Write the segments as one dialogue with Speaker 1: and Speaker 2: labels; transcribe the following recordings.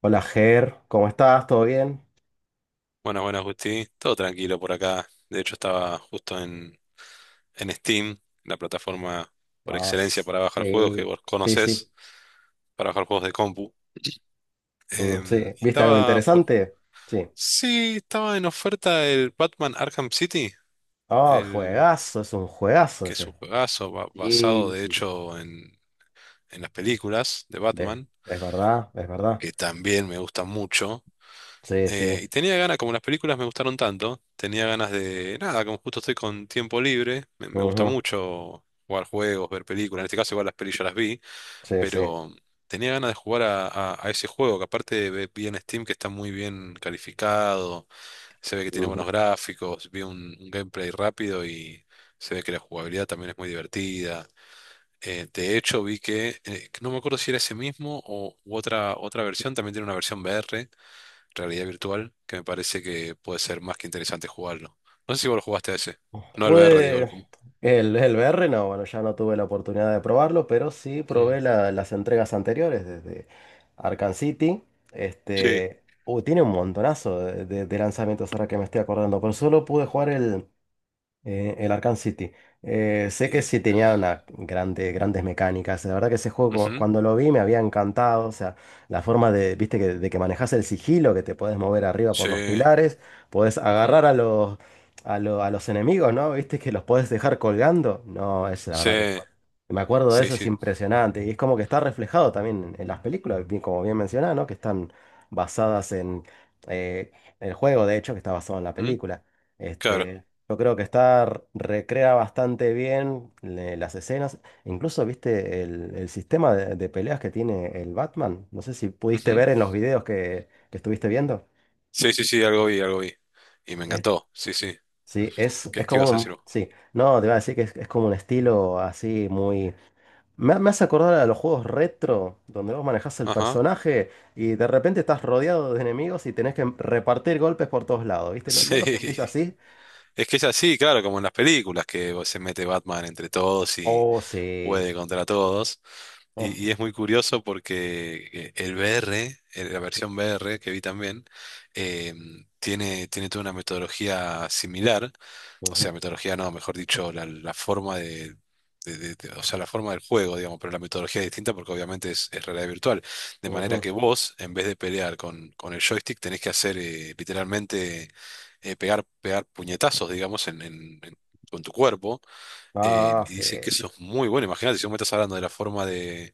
Speaker 1: Hola Ger, ¿cómo estás? ¿Todo bien?
Speaker 2: Bueno, bueno, Justi, todo tranquilo por acá. De hecho, estaba justo en Steam, la plataforma por
Speaker 1: Ah,
Speaker 2: excelencia para bajar juegos que
Speaker 1: sí,
Speaker 2: vos
Speaker 1: sí, sí,
Speaker 2: conocés, para bajar juegos de compu.
Speaker 1: mm, sí.
Speaker 2: Y
Speaker 1: ¿Viste algo
Speaker 2: estaba por.
Speaker 1: interesante? Sí.
Speaker 2: Sí, estaba en oferta el Batman Arkham City,
Speaker 1: Oh,
Speaker 2: el
Speaker 1: juegazo, es un juegazo
Speaker 2: que es un
Speaker 1: ese.
Speaker 2: juegazo basado
Speaker 1: Sí,
Speaker 2: de
Speaker 1: sí, sí.
Speaker 2: hecho en las películas de
Speaker 1: De-
Speaker 2: Batman,
Speaker 1: es verdad, es verdad.
Speaker 2: que también me gusta mucho.
Speaker 1: Sí, sí.
Speaker 2: Y tenía ganas, como las películas me gustaron tanto, tenía ganas de, nada, como justo estoy con tiempo libre, me gusta
Speaker 1: Ujú.
Speaker 2: mucho jugar juegos, ver películas, en este caso igual las pelis ya las vi,
Speaker 1: Sí, sí.
Speaker 2: pero tenía ganas de jugar a ese juego, que aparte vi en Steam que está muy bien calificado, se ve que tiene buenos gráficos, vi un gameplay rápido y se ve que la jugabilidad también es muy divertida. De hecho, vi que no me acuerdo si era ese mismo o u otra versión, también tiene una versión VR realidad virtual, que me parece que puede ser más que interesante jugarlo. No sé si vos lo jugaste a ese. No al VR, digo, al
Speaker 1: Pude
Speaker 2: com-
Speaker 1: el VR, no, bueno, ya no tuve la oportunidad de probarlo, pero sí
Speaker 2: Mm.
Speaker 1: probé las entregas anteriores desde Arkham City.
Speaker 2: Sí.
Speaker 1: Este, uy, tiene un montonazo de, de lanzamientos ahora que me estoy acordando, pero solo pude jugar el Arkham City. Sé que
Speaker 2: Y.
Speaker 1: sí tenía unas grandes grandes mecánicas. La verdad que ese juego,
Speaker 2: Ujú.
Speaker 1: cuando lo vi, me había encantado. O sea, la forma de, viste, que, de que manejas el sigilo, que te podés mover arriba por
Speaker 2: Sí.
Speaker 1: los pilares, podés
Speaker 2: Ujú.
Speaker 1: agarrar a los, a los enemigos, ¿no? Viste que los podés dejar colgando. No, es la
Speaker 2: Sí.
Speaker 1: verdad que me acuerdo de
Speaker 2: Sí,
Speaker 1: eso, es
Speaker 2: sí.
Speaker 1: impresionante. Y es como que está reflejado también en las películas, como bien mencionaba, ¿no? Que están basadas en eh, el juego, de hecho, que está basado en la
Speaker 2: Ujú.
Speaker 1: película.
Speaker 2: Claro.
Speaker 1: Este. Yo creo que está, recrea bastante bien las escenas. Incluso viste el sistema de peleas que tiene el Batman. No sé si pudiste
Speaker 2: Ujú.
Speaker 1: ver en los videos que estuviste viendo.
Speaker 2: Sí, sí, sí, algo vi, algo vi. Y me
Speaker 1: Es-
Speaker 2: encantó. Sí, sí.
Speaker 1: sí, es,
Speaker 2: ¿Qué,
Speaker 1: es
Speaker 2: qué
Speaker 1: como
Speaker 2: ibas a decir vos?
Speaker 1: sí, no, te iba a decir que es como un estilo así muy. Me hace acordar a los juegos retro, donde vos manejás el
Speaker 2: Ajá.
Speaker 1: personaje y de repente estás rodeado de enemigos y tenés que repartir golpes por todos lados, ¿viste? ¿No, no
Speaker 2: Sí.
Speaker 1: lo sentís así?
Speaker 2: Es que es así, claro, como en las películas, que se mete Batman entre todos y
Speaker 1: Oh, sí.
Speaker 2: puede contra todos.
Speaker 1: Oh.
Speaker 2: Y es muy curioso porque el VR, la versión VR que vi también, eh, tiene toda una metodología similar, o sea,
Speaker 1: Ujú,
Speaker 2: metodología no, mejor dicho, la forma o sea, la forma del juego, digamos, pero la metodología es distinta porque obviamente es realidad virtual. De manera
Speaker 1: ujú.
Speaker 2: que vos, en vez de pelear con el joystick, tenés que hacer literalmente pegar puñetazos, digamos, con tu cuerpo,
Speaker 1: Ah,
Speaker 2: y
Speaker 1: sí,
Speaker 2: dice que eso es muy bueno. Imagínate si vos me estás hablando de la forma de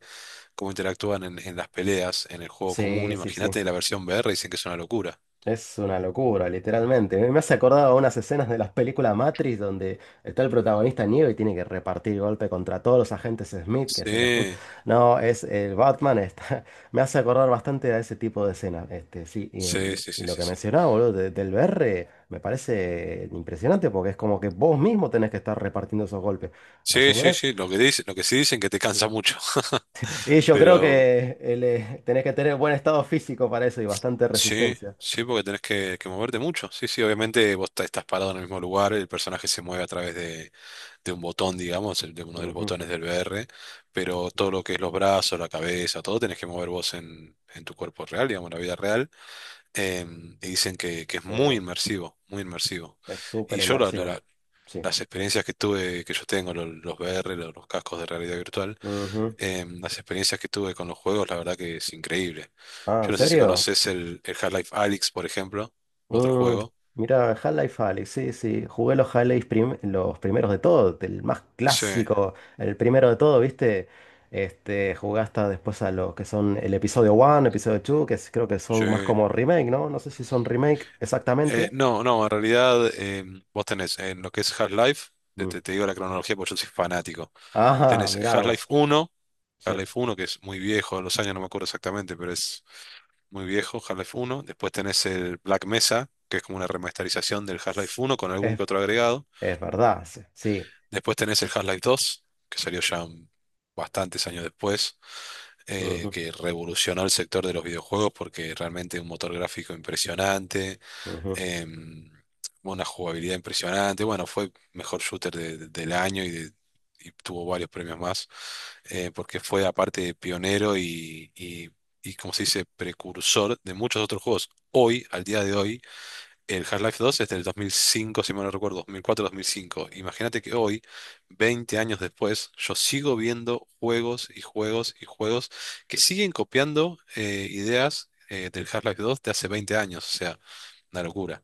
Speaker 2: cómo interactúan en las peleas, en el juego común.
Speaker 1: sí, sí, sí.
Speaker 2: Imagínate la versión VR, dicen que es una locura.
Speaker 1: Es una locura, literalmente. Me hace acordar a unas escenas de las películas Matrix donde está el protagonista Neo y tiene que repartir golpe contra todos los agentes Smith que se le juntan.
Speaker 2: Sí,
Speaker 1: No, es el Batman. Está. Me hace acordar bastante a ese tipo de escenas. Este, sí, y,
Speaker 2: sí,
Speaker 1: mm,
Speaker 2: sí,
Speaker 1: y
Speaker 2: sí,
Speaker 1: lo
Speaker 2: sí,
Speaker 1: que
Speaker 2: sí.
Speaker 1: mencionaba, boludo, del BR me parece impresionante porque es como que vos mismo tenés que estar repartiendo esos golpes. A su
Speaker 2: Sí, sí,
Speaker 1: vez,
Speaker 2: sí, lo que dice, lo que sí dicen que te cansa mucho.
Speaker 1: y yo creo
Speaker 2: Pero
Speaker 1: que tenés que tener buen estado físico para eso y bastante
Speaker 2: sí,
Speaker 1: resistencia.
Speaker 2: sí, porque tenés que moverte mucho. Sí, sí, obviamente vos estás parado en el mismo lugar, el personaje se mueve a través de un botón, digamos, de uno de los
Speaker 1: Ujú.
Speaker 2: botones del VR, pero todo lo que es los brazos, la cabeza, todo tenés que mover vos en tu cuerpo real, digamos, en la vida real. Y dicen que es
Speaker 1: Sí,
Speaker 2: muy inmersivo, muy inmersivo.
Speaker 1: es súper
Speaker 2: Y yo
Speaker 1: inmersivo. Sí.
Speaker 2: las experiencias que tuve, que yo tengo, los VR, los cascos de realidad virtual,
Speaker 1: Ujú.
Speaker 2: las experiencias que tuve con los juegos, la verdad que es increíble.
Speaker 1: Ah,
Speaker 2: Yo
Speaker 1: ¿en
Speaker 2: no sé si
Speaker 1: serio?
Speaker 2: conoces el Half-Life Alyx, por ejemplo, otro
Speaker 1: Mm,
Speaker 2: juego.
Speaker 1: mira, Half-Life Alyx, sí, sí. Jugué los Half-Life los primeros de todo, el más
Speaker 2: Sí,
Speaker 1: clásico, el primero de todo, ¿viste? Este, jugué hasta después a lo que son el episodio 1, episodio 2, que creo que
Speaker 2: sí.
Speaker 1: son más como remake, ¿no? No sé si son remake
Speaker 2: Eh,
Speaker 1: exactamente.
Speaker 2: no, no, en realidad vos tenés en lo que es Half-Life, te, te-
Speaker 1: Mm.
Speaker 2: te digo la cronología porque yo soy fanático.
Speaker 1: Ah,
Speaker 2: Tenés
Speaker 1: mirá
Speaker 2: Half-Life
Speaker 1: vos.
Speaker 2: uno
Speaker 1: Sí.
Speaker 2: Half-Life uno que es muy viejo, los años no me acuerdo exactamente, pero es muy viejo, Half-Life Uno. Después tenés el Black Mesa, que es como una remasterización del
Speaker 1: S-
Speaker 2: Half-Life Uno con algún
Speaker 1: Es,
Speaker 2: que otro agregado.
Speaker 1: es verdad, sí. Sí.
Speaker 2: Después tenés el Half-Life 2 que salió ya bastantes años después,
Speaker 1: Ujú,
Speaker 2: que revolucionó el sector de los videojuegos porque realmente un motor gráfico impresionante,
Speaker 1: ujú.
Speaker 2: em, una jugabilidad impresionante. Bueno, fue mejor shooter del año y tuvo varios premios más, porque fue aparte pionero y, como se dice, precursor de muchos otros juegos. Hoy, al día de hoy, el Half-Life 2 es del 2005 si mal no recuerdo, dos dos mil cuatro mil cinco. Imagínate que hoy, 20 años después, yo sigo viendo juegos y juegos y juegos que siguen copiando ideas del Half-Life 2 de hace 20 años. O sea, una locura.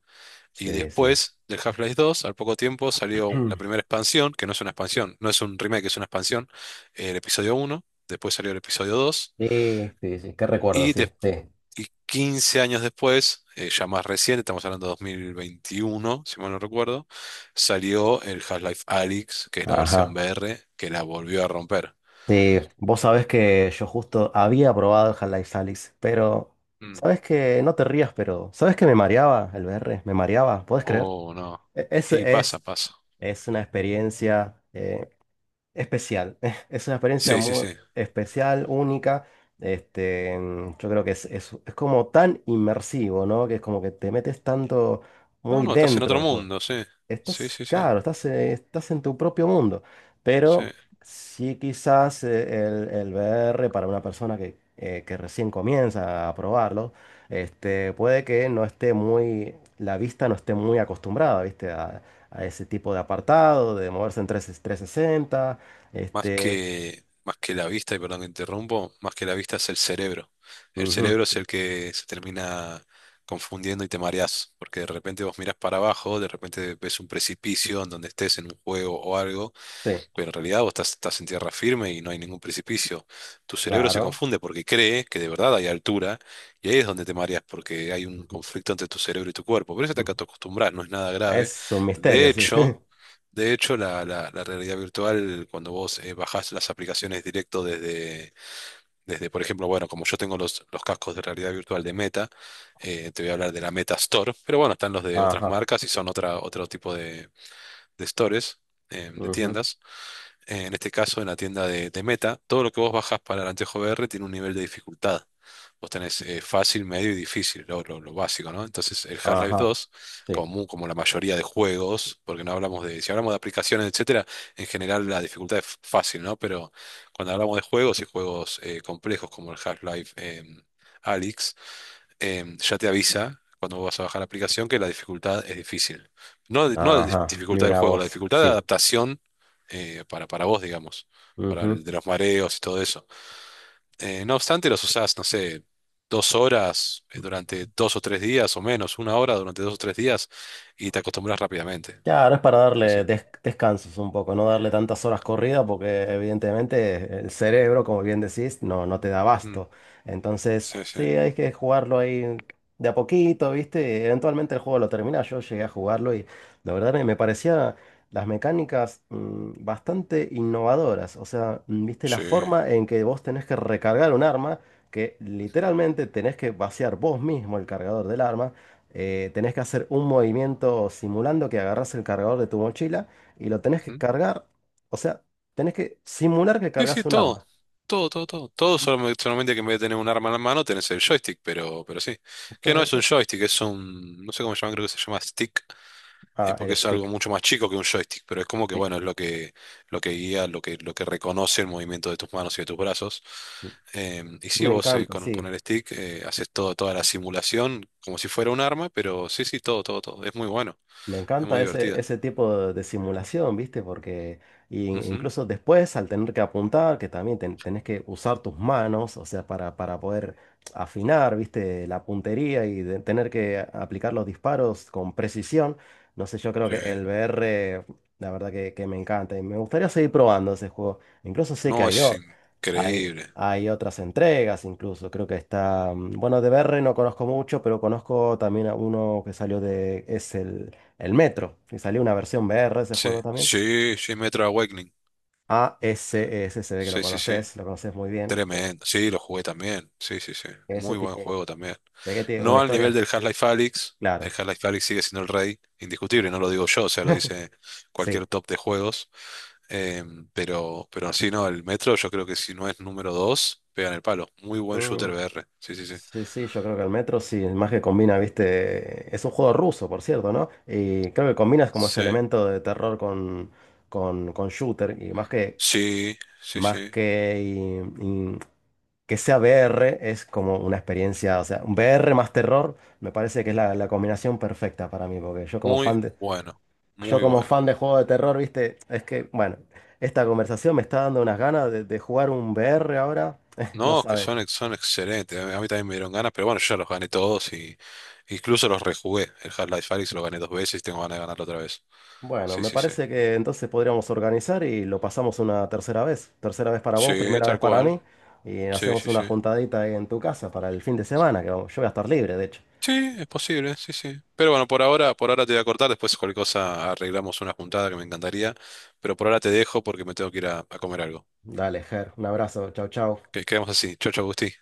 Speaker 2: Y
Speaker 1: Sí, sí.
Speaker 2: después del Half-Life 2, al poco tiempo, salió la primera expansión, que no es una expansión, no es un remake, es una expansión, el episodio uno. Después salió el episodio 2
Speaker 1: Sí, sí, sí, qué recuerdo,
Speaker 2: y,
Speaker 1: sí, sí.
Speaker 2: despu- y 15 años después, ya más reciente, estamos hablando de 2021, si mal no recuerdo, salió el Half-Life Alyx, que es la versión
Speaker 1: Ajá.
Speaker 2: VR, que la volvió a romper.
Speaker 1: Sí, vos sabés que yo justo había probado el Half-Life Alyx, pero
Speaker 2: Mm.
Speaker 1: sabés que no te rías, pero sabés que me mareaba el VR, me mareaba, ¿podés creer?
Speaker 2: Oh, no.
Speaker 1: E- Es,
Speaker 2: Y pasa,
Speaker 1: es,
Speaker 2: pasa.
Speaker 1: es una experiencia especial, es una experiencia
Speaker 2: Sí, sí,
Speaker 1: muy
Speaker 2: sí.
Speaker 1: especial, única. Este, yo creo que es como tan inmersivo, ¿no? Que es como que te metes tanto
Speaker 2: No,
Speaker 1: muy
Speaker 2: no, estás en
Speaker 1: dentro
Speaker 2: otro
Speaker 1: del juego.
Speaker 2: mundo, sí. Sí,
Speaker 1: Estás,
Speaker 2: sí, sí.
Speaker 1: claro, estás en tu propio mundo,
Speaker 2: Sí.
Speaker 1: pero sí quizás el VR para una persona que recién comienza a probarlo, este, puede que no esté muy, la vista no esté muy acostumbrada, ¿viste? A ese tipo de apartado, de moverse en 3, sesenta
Speaker 2: Más
Speaker 1: este,
Speaker 2: que, más que la vista, y perdón que interrumpo, más que la vista es el cerebro. El
Speaker 1: ujú,
Speaker 2: cerebro es el que se termina confundiendo y te mareás, porque de repente vos mirás para abajo, de repente ves un precipicio en donde estés en un juego o algo,
Speaker 1: sí,
Speaker 2: pero en realidad vos estás en tierra firme y no hay ningún precipicio. Tu cerebro se
Speaker 1: claro,
Speaker 2: confunde porque cree que de verdad hay altura, y ahí es donde te mareás, porque hay un
Speaker 1: ujú,
Speaker 2: conflicto entre tu cerebro y tu cuerpo. Pero eso te
Speaker 1: ujú.
Speaker 2: acostumbras, no es nada grave.
Speaker 1: Es un misterio,
Speaker 2: De
Speaker 1: sí.
Speaker 2: hecho. De hecho, la realidad virtual, cuando vos bajás las aplicaciones directo desde, por ejemplo, bueno, como yo tengo los cascos de realidad virtual de Meta, te voy a hablar de la Meta Store, pero bueno, están los de otras
Speaker 1: Ajá,
Speaker 2: marcas y son otra, otro tipo de stores, de
Speaker 1: ujú,
Speaker 2: tiendas, en este caso en la tienda de Meta, todo lo que vos bajas para el anteojo VR tiene un nivel de dificultad. Vos tenés fácil, medio y difícil, lo básico, ¿no? Entonces el Half-Life
Speaker 1: ajá,
Speaker 2: 2,
Speaker 1: sí,
Speaker 2: como la mayoría de juegos, porque no hablamos de, si hablamos de aplicaciones, etcétera, en general la dificultad es fácil, ¿no? Pero cuando hablamos de juegos y juegos complejos como el Half-Life, Alyx, ya te avisa cuando vas a bajar la aplicación que la dificultad es difícil. No, no la
Speaker 1: ajá,
Speaker 2: dificultad del
Speaker 1: mira
Speaker 2: juego, la
Speaker 1: vos,
Speaker 2: dificultad de
Speaker 1: sí.
Speaker 2: adaptación, para, vos, digamos, para
Speaker 1: Ujú.
Speaker 2: el de los mareos y todo eso. No obstante, los usás, no sé, 2 horas durante 2 o 3 días o menos, una hora durante 2 o 3 días y te acostumbras rápidamente.
Speaker 1: Claro, es para
Speaker 2: Sí, sí.
Speaker 1: darle descansos un poco, no darle tantas horas corridas porque evidentemente el cerebro, como bien decís, no, no te da
Speaker 2: Mm,
Speaker 1: abasto. Entonces,
Speaker 2: sí, sí.
Speaker 1: sí, hay que jugarlo ahí de a poquito, ¿viste? Eventualmente el juego lo termina. Yo llegué a jugarlo y la verdad me parecía las mecánicas bastante innovadoras. O sea, ¿viste? La
Speaker 2: Sí.
Speaker 1: forma en que vos tenés que recargar un arma, que
Speaker 2: Ujú,
Speaker 1: literalmente tenés que vaciar vos mismo el cargador del arma. Tenés que hacer un movimiento simulando que agarras el cargador de tu mochila y lo tenés que
Speaker 2: ujú.
Speaker 1: cargar. O sea, tenés que simular que
Speaker 2: Sí,
Speaker 1: cargas
Speaker 2: sí,
Speaker 1: un
Speaker 2: todo.
Speaker 1: arma.
Speaker 2: Todo, todo, todo. Todo solamente, solamente que en vez de tener un arma en la mano tenés el joystick, pero sí. Que no
Speaker 1: Pero
Speaker 2: es
Speaker 1: sí.
Speaker 2: un joystick, es un. No sé cómo se llama, creo que se llama stick,
Speaker 1: Ah,
Speaker 2: porque
Speaker 1: el
Speaker 2: es algo
Speaker 1: stick.
Speaker 2: mucho más chico que un joystick, pero es como que,
Speaker 1: Sí.
Speaker 2: bueno, es lo que guía, lo que reconoce el movimiento de tus manos y de tus brazos. Y sí,
Speaker 1: Me
Speaker 2: vos
Speaker 1: encanta,
Speaker 2: con
Speaker 1: sí.
Speaker 2: el stick, haces todo, toda la simulación como si fuera un arma, pero sí, sí, todo, todo, todo. Es muy bueno,
Speaker 1: Me
Speaker 2: es muy
Speaker 1: encanta ese,
Speaker 2: divertida.
Speaker 1: ese tipo de simulación, ¿viste? Porque
Speaker 2: Ujú,
Speaker 1: incluso después, al tener que apuntar, que también tenés que usar tus manos, o sea, para poder afinar, ¿viste? La puntería y tener que aplicar los disparos con precisión. No sé, yo creo
Speaker 2: sí.
Speaker 1: que el VR, la verdad que me encanta y me gustaría seguir probando ese juego. Incluso sé
Speaker 2: No,
Speaker 1: que hay,
Speaker 2: es
Speaker 1: hay,
Speaker 2: increíble.
Speaker 1: hay otras entregas, incluso creo que está, bueno, de VR no conozco mucho, pero conozco también a uno que salió de, es el Metro, y salió una versión VR de ese
Speaker 2: Sí,
Speaker 1: juego también.
Speaker 2: sí, sí, Metro Awakening.
Speaker 1: A ese, ese se ve que
Speaker 2: Sí, sí, sí.
Speaker 1: lo conoces muy bien.
Speaker 2: Tremendo. Sí, lo jugué también. Sí, sí, sí.
Speaker 1: Ese
Speaker 2: Muy buen
Speaker 1: tiene,
Speaker 2: juego también.
Speaker 1: ¿de qué tiene una
Speaker 2: No al nivel
Speaker 1: historia?
Speaker 2: del Half-Life Alyx. El
Speaker 1: Claro,
Speaker 2: Half-Life Alyx sigue siendo el rey, indiscutible, no lo digo yo, o sea, lo dice cualquier
Speaker 1: sí.
Speaker 2: top de juegos. Pero sí, no, el Metro yo creo que si no es número dos pega en el palo. Muy buen shooter
Speaker 1: Mm,
Speaker 2: VR. Sí, sí, sí.
Speaker 1: sí, sí, yo creo que el Metro sí, más que combina, viste, es un juego ruso, por cierto, ¿no? Y creo que combinas como ese
Speaker 2: Sí,
Speaker 1: elemento de terror con, con shooter, y más que,
Speaker 2: sí, sí,
Speaker 1: más
Speaker 2: sí.
Speaker 1: que, y- y que sea VR, es como una experiencia, o sea, un VR más terror, me parece que es la combinación perfecta para mí, porque yo como
Speaker 2: Muy
Speaker 1: fan
Speaker 2: bueno,
Speaker 1: Yo
Speaker 2: muy
Speaker 1: como
Speaker 2: bueno.
Speaker 1: fan de juego de terror, viste, es que, bueno, esta conversación me está dando unas ganas de jugar un VR ahora, no
Speaker 2: No, que son,
Speaker 1: sabes.
Speaker 2: son excelentes. A mí también me dieron ganas, pero bueno, yo ya los gané todos y incluso los rejugué. El Half-Life Alyx lo gané dos veces y tengo ganas de ganarlo otra vez.
Speaker 1: Bueno,
Speaker 2: Sí,
Speaker 1: me
Speaker 2: sí, sí.
Speaker 1: parece que entonces podríamos organizar y lo pasamos una tercera vez. Tercera vez para vos,
Speaker 2: Sí,
Speaker 1: primera vez
Speaker 2: tal
Speaker 1: para
Speaker 2: cual.
Speaker 1: mí. Y
Speaker 2: Sí,
Speaker 1: hacemos
Speaker 2: sí,
Speaker 1: una
Speaker 2: sí.
Speaker 1: juntadita ahí en tu casa para el fin de semana, que yo voy a estar libre, de hecho.
Speaker 2: Sí, es posible, sí, sí. Pero bueno, por ahora te voy a cortar, después cualquier cosa arreglamos una juntada que me encantaría, pero por ahora te dejo porque me tengo que ir a comer algo.
Speaker 1: Dale, Ger, un abrazo, chau, chau.
Speaker 2: Que quedamos así. Chau, chau, Agustín.